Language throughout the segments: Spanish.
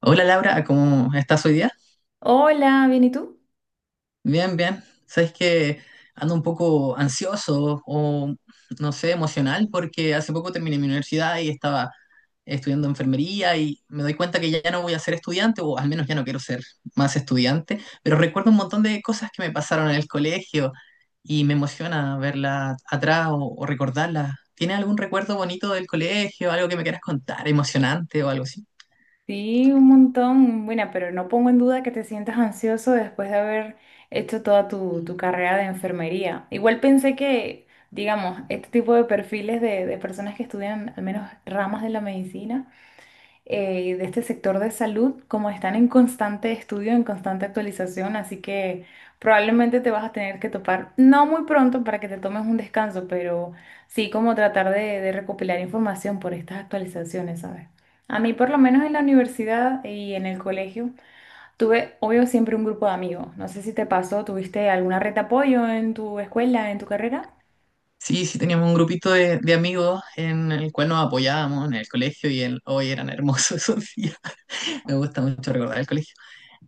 Hola Laura, ¿cómo estás hoy día? Hola, ¿bien y tú? Bien, bien. Sabes que ando un poco ansioso o no sé, emocional porque hace poco terminé mi universidad y estaba estudiando enfermería y me doy cuenta que ya no voy a ser estudiante o al menos ya no quiero ser más estudiante, pero recuerdo un montón de cosas que me pasaron en el colegio y me emociona verlas atrás o recordarlas. ¿Tienes algún recuerdo bonito del colegio, algo que me quieras contar, emocionante o algo así? Sí, un montón. Bueno, pero no pongo en duda que te sientas ansioso después de haber hecho toda tu carrera de enfermería. Igual pensé que, digamos, este tipo de perfiles de personas que estudian al menos ramas de la medicina de este sector de salud, como están en constante estudio, en constante actualización, así que probablemente te vas a tener que topar, no muy pronto para que te tomes un descanso, pero sí como tratar de recopilar información por estas actualizaciones, ¿sabes? A mí, por lo menos en la universidad y en el colegio, tuve, obvio, siempre un grupo de amigos. No sé si te pasó, ¿tuviste alguna red de apoyo en tu escuela, en tu carrera? Sí, sí, teníamos un grupito de amigos en el cual nos apoyábamos en el colegio y el, hoy eran hermosos esos días. Me gusta mucho recordar el colegio.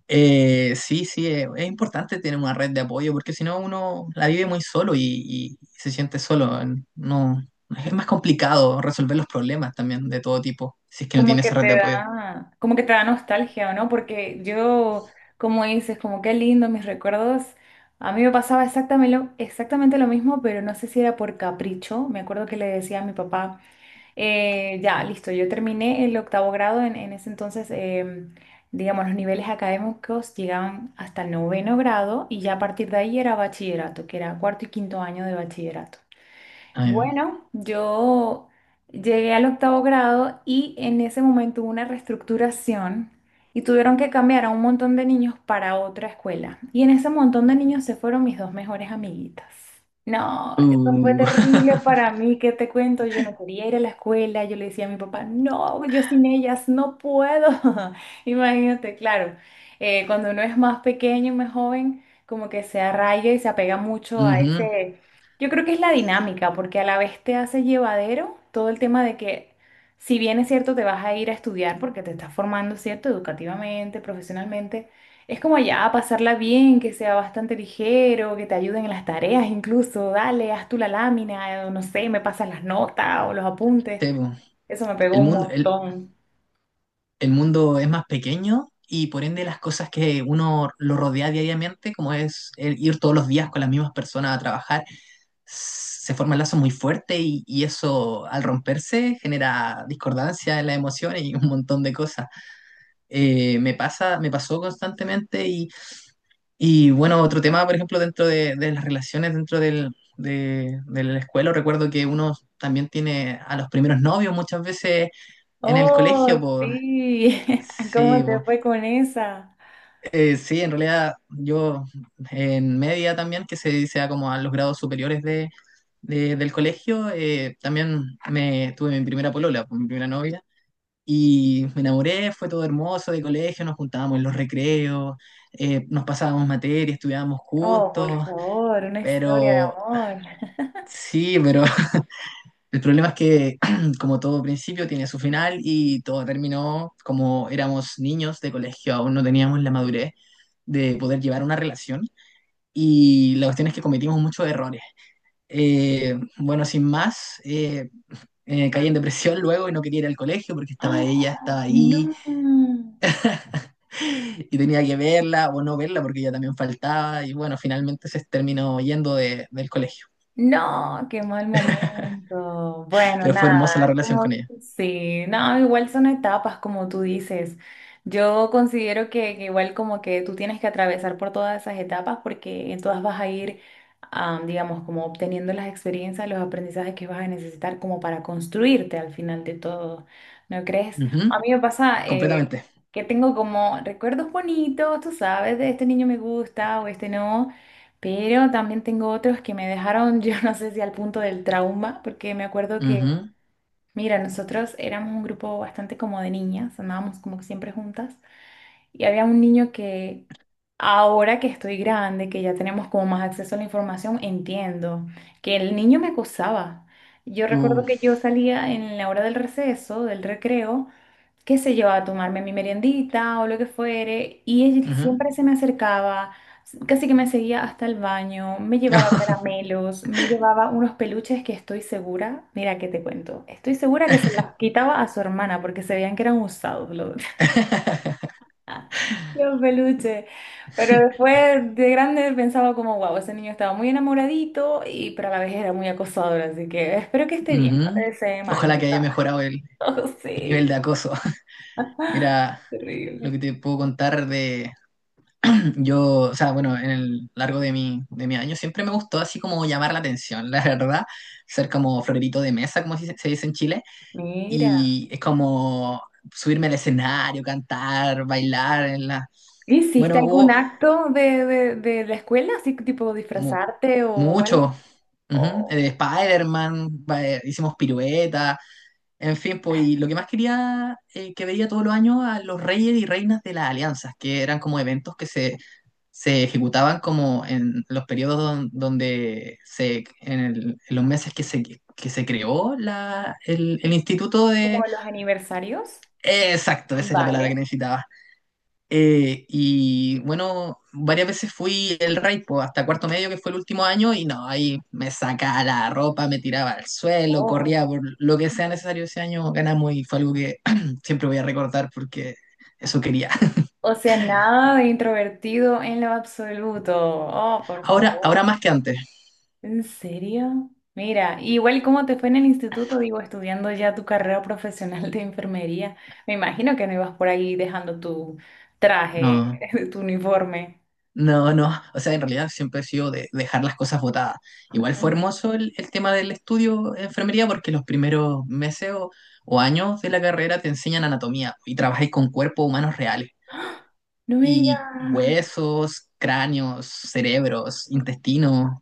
Sí, sí, es importante tener una red de apoyo porque si no uno la vive muy solo y se siente solo. No, es más complicado resolver los problemas también de todo tipo si es que no tiene Como que esa red de te apoyo. da, como que te da nostalgia, ¿o no? Porque yo, como dices, como qué lindo mis recuerdos. A mí me pasaba exactamente lo mismo, pero no sé si era por capricho. Me acuerdo que le decía a mi papá, ya, listo, yo terminé el octavo grado en ese entonces, digamos, los niveles académicos llegaban hasta el noveno grado y ya a partir de ahí era bachillerato, que era cuarto y quinto año de bachillerato. Ah, ya. Bueno, yo llegué al octavo grado y en ese momento hubo una reestructuración y tuvieron que cambiar a un montón de niños para otra escuela. Y en ese montón de niños se fueron mis dos mejores amiguitas. No, eso fue Uh, terrible para mí, ¿qué te cuento? Yo no quería ir a la escuela, yo le decía a mi papá, no, yo sin ellas no puedo. Imagínate, claro, cuando uno es más pequeño, más joven, como que se arraiga y se apega mucho a ujú, ese, yo creo que es la dinámica, porque a la vez te hace llevadero todo el tema de que, si bien es cierto, te vas a ir a estudiar porque te estás formando, ¿cierto? Educativamente, profesionalmente, es como ya pasarla bien, que sea bastante ligero, que te ayuden en las tareas incluso, dale, haz tú la lámina, o no sé, me pasas las notas o los apuntes. sí, po. Eso me pegó El un mundo, el, montón. el mundo es más pequeño y por ende las cosas que uno lo rodea diariamente, como es el ir todos los días con las mismas personas a trabajar, se forma el lazo muy fuerte y eso al romperse genera discordancia en las emociones y un montón de cosas. Me pasa, me pasó constantemente y bueno, otro tema, por ejemplo, dentro de las relaciones, dentro del... De la escuela, recuerdo que uno también tiene a los primeros novios muchas veces en el colegio, Oh, pues sí, sí, ¿cómo te po. fue con esa? Sí, en realidad yo en media también, que se sea como a los grados superiores de, del colegio, también me tuve mi primera polola, pues, mi primera novia, y me enamoré, fue todo hermoso de colegio, nos juntábamos en los recreos, nos pasábamos materias estudiábamos Oh, por juntos, favor, una historia de pero amor. sí, pero el problema es que como todo principio tiene su final y todo terminó como éramos niños de colegio, aún no teníamos la madurez de poder llevar una relación y la cuestión es que cometimos muchos errores. Bueno, sin más, caí en depresión luego y no quería ir al colegio porque estaba ella, ¡Ah! estaba No, ahí. Y tenía que verla o no verla porque ella también faltaba y bueno, finalmente se terminó yendo del colegio. no, qué mal momento. Bueno, Pero fue hermosa la nada, relación como con ella. sí, no, igual son etapas, como tú dices. Yo considero que igual como que tú tienes que atravesar por todas esas etapas porque en todas vas a ir, digamos, como obteniendo las experiencias, los aprendizajes que vas a necesitar como para construirte al final de todo, ¿no crees? Ujú. A mí me pasa, Completamente. que tengo como recuerdos bonitos, tú sabes, de este niño me gusta o este no. Pero también tengo otros que me dejaron, yo no sé si al punto del trauma, porque me acuerdo que, mira, nosotros éramos un grupo bastante como de niñas, andábamos como que siempre juntas, y había un niño que ahora que estoy grande, que ya tenemos como más acceso a la información, entiendo que el niño me acosaba. Yo Ujú, recuerdo que yo salía en la hora del receso, del recreo, qué sé yo, a tomarme mi meriendita o lo que fuere, y él ujú. siempre se me acercaba, casi que me seguía hasta el baño, me llevaba caramelos, me llevaba unos peluches que estoy segura, mira que te cuento, estoy segura que se los quitaba a su hermana porque se veían que eran usados los, los peluches, pero después de grande pensaba como, wow, ese niño estaba muy enamoradito, y pero a la vez era muy acosador, así que espero que esté bien, no le Ujú. desee mal, Ojalá mi que haya papá. mejorado Oh, el nivel de sí, acoso. Mira lo terrible. que te puedo contar de, yo, o sea, bueno, en el largo de mi año siempre me gustó así como llamar la atención, la verdad, ser como florerito de mesa, como se dice en Chile, Mira, y es como subirme al escenario, cantar, bailar en la... ¿hiciste Bueno, algún hubo acto de la escuela, así tipo mu- disfrazarte o mucho, algo? ujú, ¿O Spider-Man, hicimos piruetas, en fin, pues, y lo que más quería, que veía todos los años a los reyes y reinas de las alianzas, que eran como eventos que se se ejecutaban como en los periodos donde se, en, en los meses que se creó la, el instituto de... como los aniversarios? Exacto, esa es la palabra que Vale. necesitaba. Y bueno, varias veces fui el rey, po, hasta cuarto medio, que fue el último año, y no, ahí me sacaba la ropa, me tiraba al suelo, corría Oh. por lo que sea necesario ese año, ganamos y fue algo que siempre voy a recordar porque eso quería. O sea, nada de introvertido en lo absoluto. Oh, por Ahora, ahora favor. más que antes. ¿En serio? Mira, igual cómo te fue en el instituto, digo, estudiando ya tu carrera profesional de enfermería. Me imagino que no ibas por ahí dejando tu traje, No. tu uniforme. No, no, o sea, en realidad siempre he sido de dejar las cosas botadas. Igual fue Ujú. hermoso el tema del estudio de enfermería porque los primeros meses o años de la carrera te enseñan anatomía y trabajáis con cuerpos humanos reales No me y digas. huesos, cráneos, cerebros, intestinos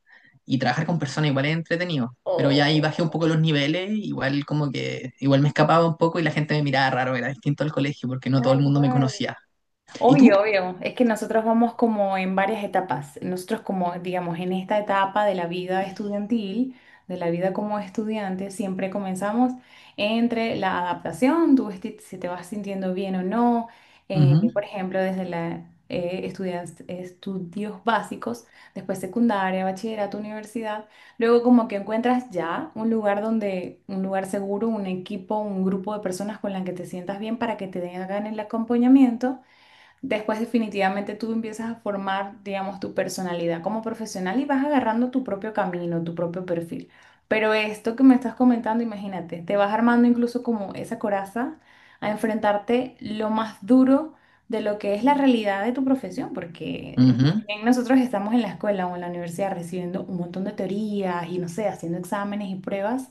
y trabajar con personas igual es entretenido. Pero ya ahí bajé un poco Oh, los niveles, igual como que igual me escapaba un poco y la gente me miraba raro, era distinto al colegio porque no todo el tal mundo me cual. conocía. ¿Y tú? Obvio, obvio. Es que nosotros vamos como en varias etapas. Nosotros como, digamos, en esta etapa de la vida estudiantil, de la vida como estudiante, siempre comenzamos entre la adaptación, si te vas sintiendo bien o no. Ujú, Por ejemplo, desde la, estudios básicos, después secundaria, bachillerato, universidad. Luego como que encuentras ya un lugar donde, un lugar seguro, un equipo, un grupo de personas con las que te sientas bien para que te hagan el acompañamiento. Después definitivamente tú empiezas a formar, digamos, tu personalidad como profesional y vas agarrando tu propio camino, tu propio perfil. Pero esto que me estás comentando, imagínate, te vas armando incluso como esa coraza a enfrentarte lo más duro de lo que es la realidad de tu profesión, porque ujú, si bien nosotros estamos en la escuela o en la universidad recibiendo un montón de teorías y no sé, haciendo exámenes y pruebas,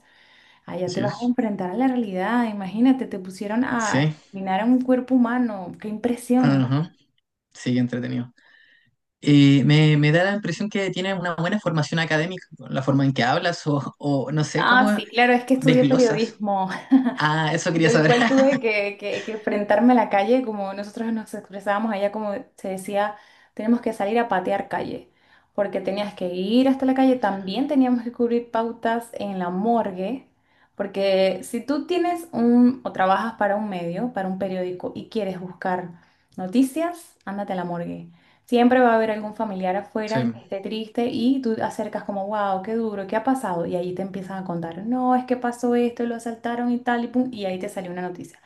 allá te así vas a es. enfrentar a la realidad. Imagínate, te pusieron a Sí. examinar a un cuerpo humano, qué impresión. Ajá, sí, entretenido. Me da la impresión que tiene una buena formación académica, la forma en que hablas o no sé Ah, cómo sí, claro, es que estudié desglosas. periodismo. Ah, eso quería Yo saber. igual tuve que enfrentarme a la calle, como nosotros nos expresábamos allá, como se decía, tenemos que salir a patear calle, porque tenías que ir hasta la calle, también teníamos que cubrir pautas en la morgue, porque si tú tienes un, o trabajas para un medio, para un periódico, y quieres buscar noticias, ándate a la morgue. Siempre va a haber algún familiar Sí, afuera que esté triste y tú acercas como, wow, qué duro, qué ha pasado. Y ahí te empiezan a contar, no, es que pasó esto, lo asaltaron y tal, y pum, y ahí te salió una noticia.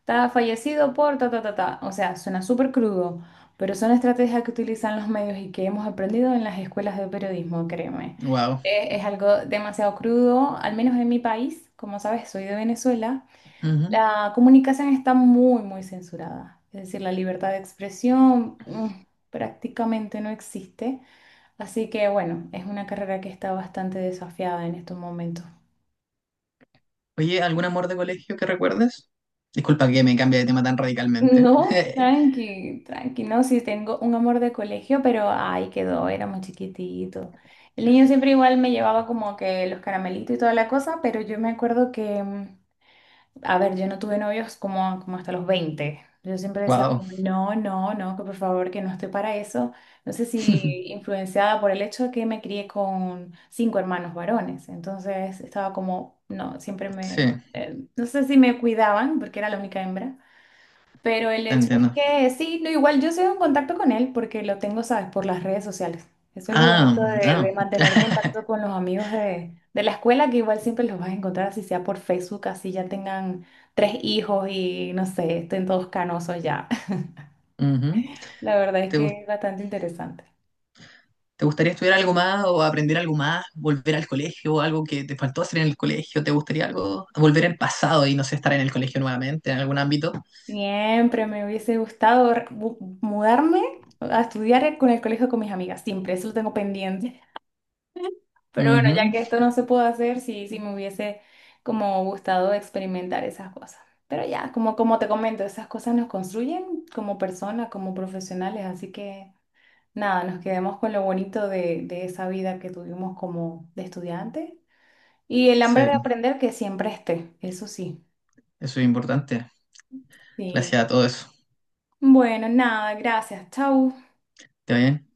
Está fallecido por ta, ta, ta, ta. O sea, suena súper crudo, pero son estrategias que utilizan los medios y que hemos aprendido en las escuelas de periodismo, créeme. wow. Es, algo demasiado crudo, al menos en mi país. Como sabes, soy de Venezuela. Ujú. La comunicación está muy censurada. Es decir, la libertad de expresión, prácticamente no existe. Así que bueno, es una carrera que está bastante desafiada en estos momentos. Oye, ¿algún amor de colegio que recuerdes? Disculpa que me cambie de tema tan radicalmente. No, tranqui, tranqui, no, sí tengo un amor de colegio, pero ahí quedó, era muy chiquitito. El niño siempre igual me llevaba como que los caramelitos y toda la cosa, pero yo me acuerdo que. A ver, yo no tuve novios como, como hasta los 20. Yo siempre decía, Wow. como, no, no, no, que por favor, que no estoy para eso. No sé si influenciada por el hecho de que me crié con 5 hermanos varones. Entonces estaba como, no, siempre Sí, me, no sé si me cuidaban porque era la única hembra, pero el te hecho es entiendo. que sí, no, igual yo sigo en contacto con él porque lo tengo, ¿sabes? Por las redes sociales. Eso es lo Ah, bonito de ah. mantener contacto con los amigos de la escuela, que igual siempre los vas a encontrar, así sea por Facebook, así ya tengan 3 hijos y no sé, estén todos canosos ya. Ujú. La verdad es ¿Te que es gusta? bastante interesante. ¿Te gustaría estudiar algo más o aprender algo más? ¿Volver al colegio? ¿Algo que te faltó hacer en el colegio? ¿Te gustaría algo? ¿Volver al pasado y no sé, estar en el colegio nuevamente en algún ámbito? Siempre me hubiese gustado mudarme a estudiar con el colegio con mis amigas, siempre, eso lo tengo pendiente. Pero bueno, ya Ujú. que esto no se pudo hacer, sí, sí me hubiese como gustado experimentar esas cosas. Pero ya, como, como te comento, esas cosas nos construyen como personas, como profesionales, así que nada, nos quedemos con lo bonito de esa vida que tuvimos como de estudiante y el hambre de Sí, aprender que siempre esté, eso sí. eso es importante. Sí. Gracias a todo eso. Bueno, nada, gracias, chau. ¿Está bien?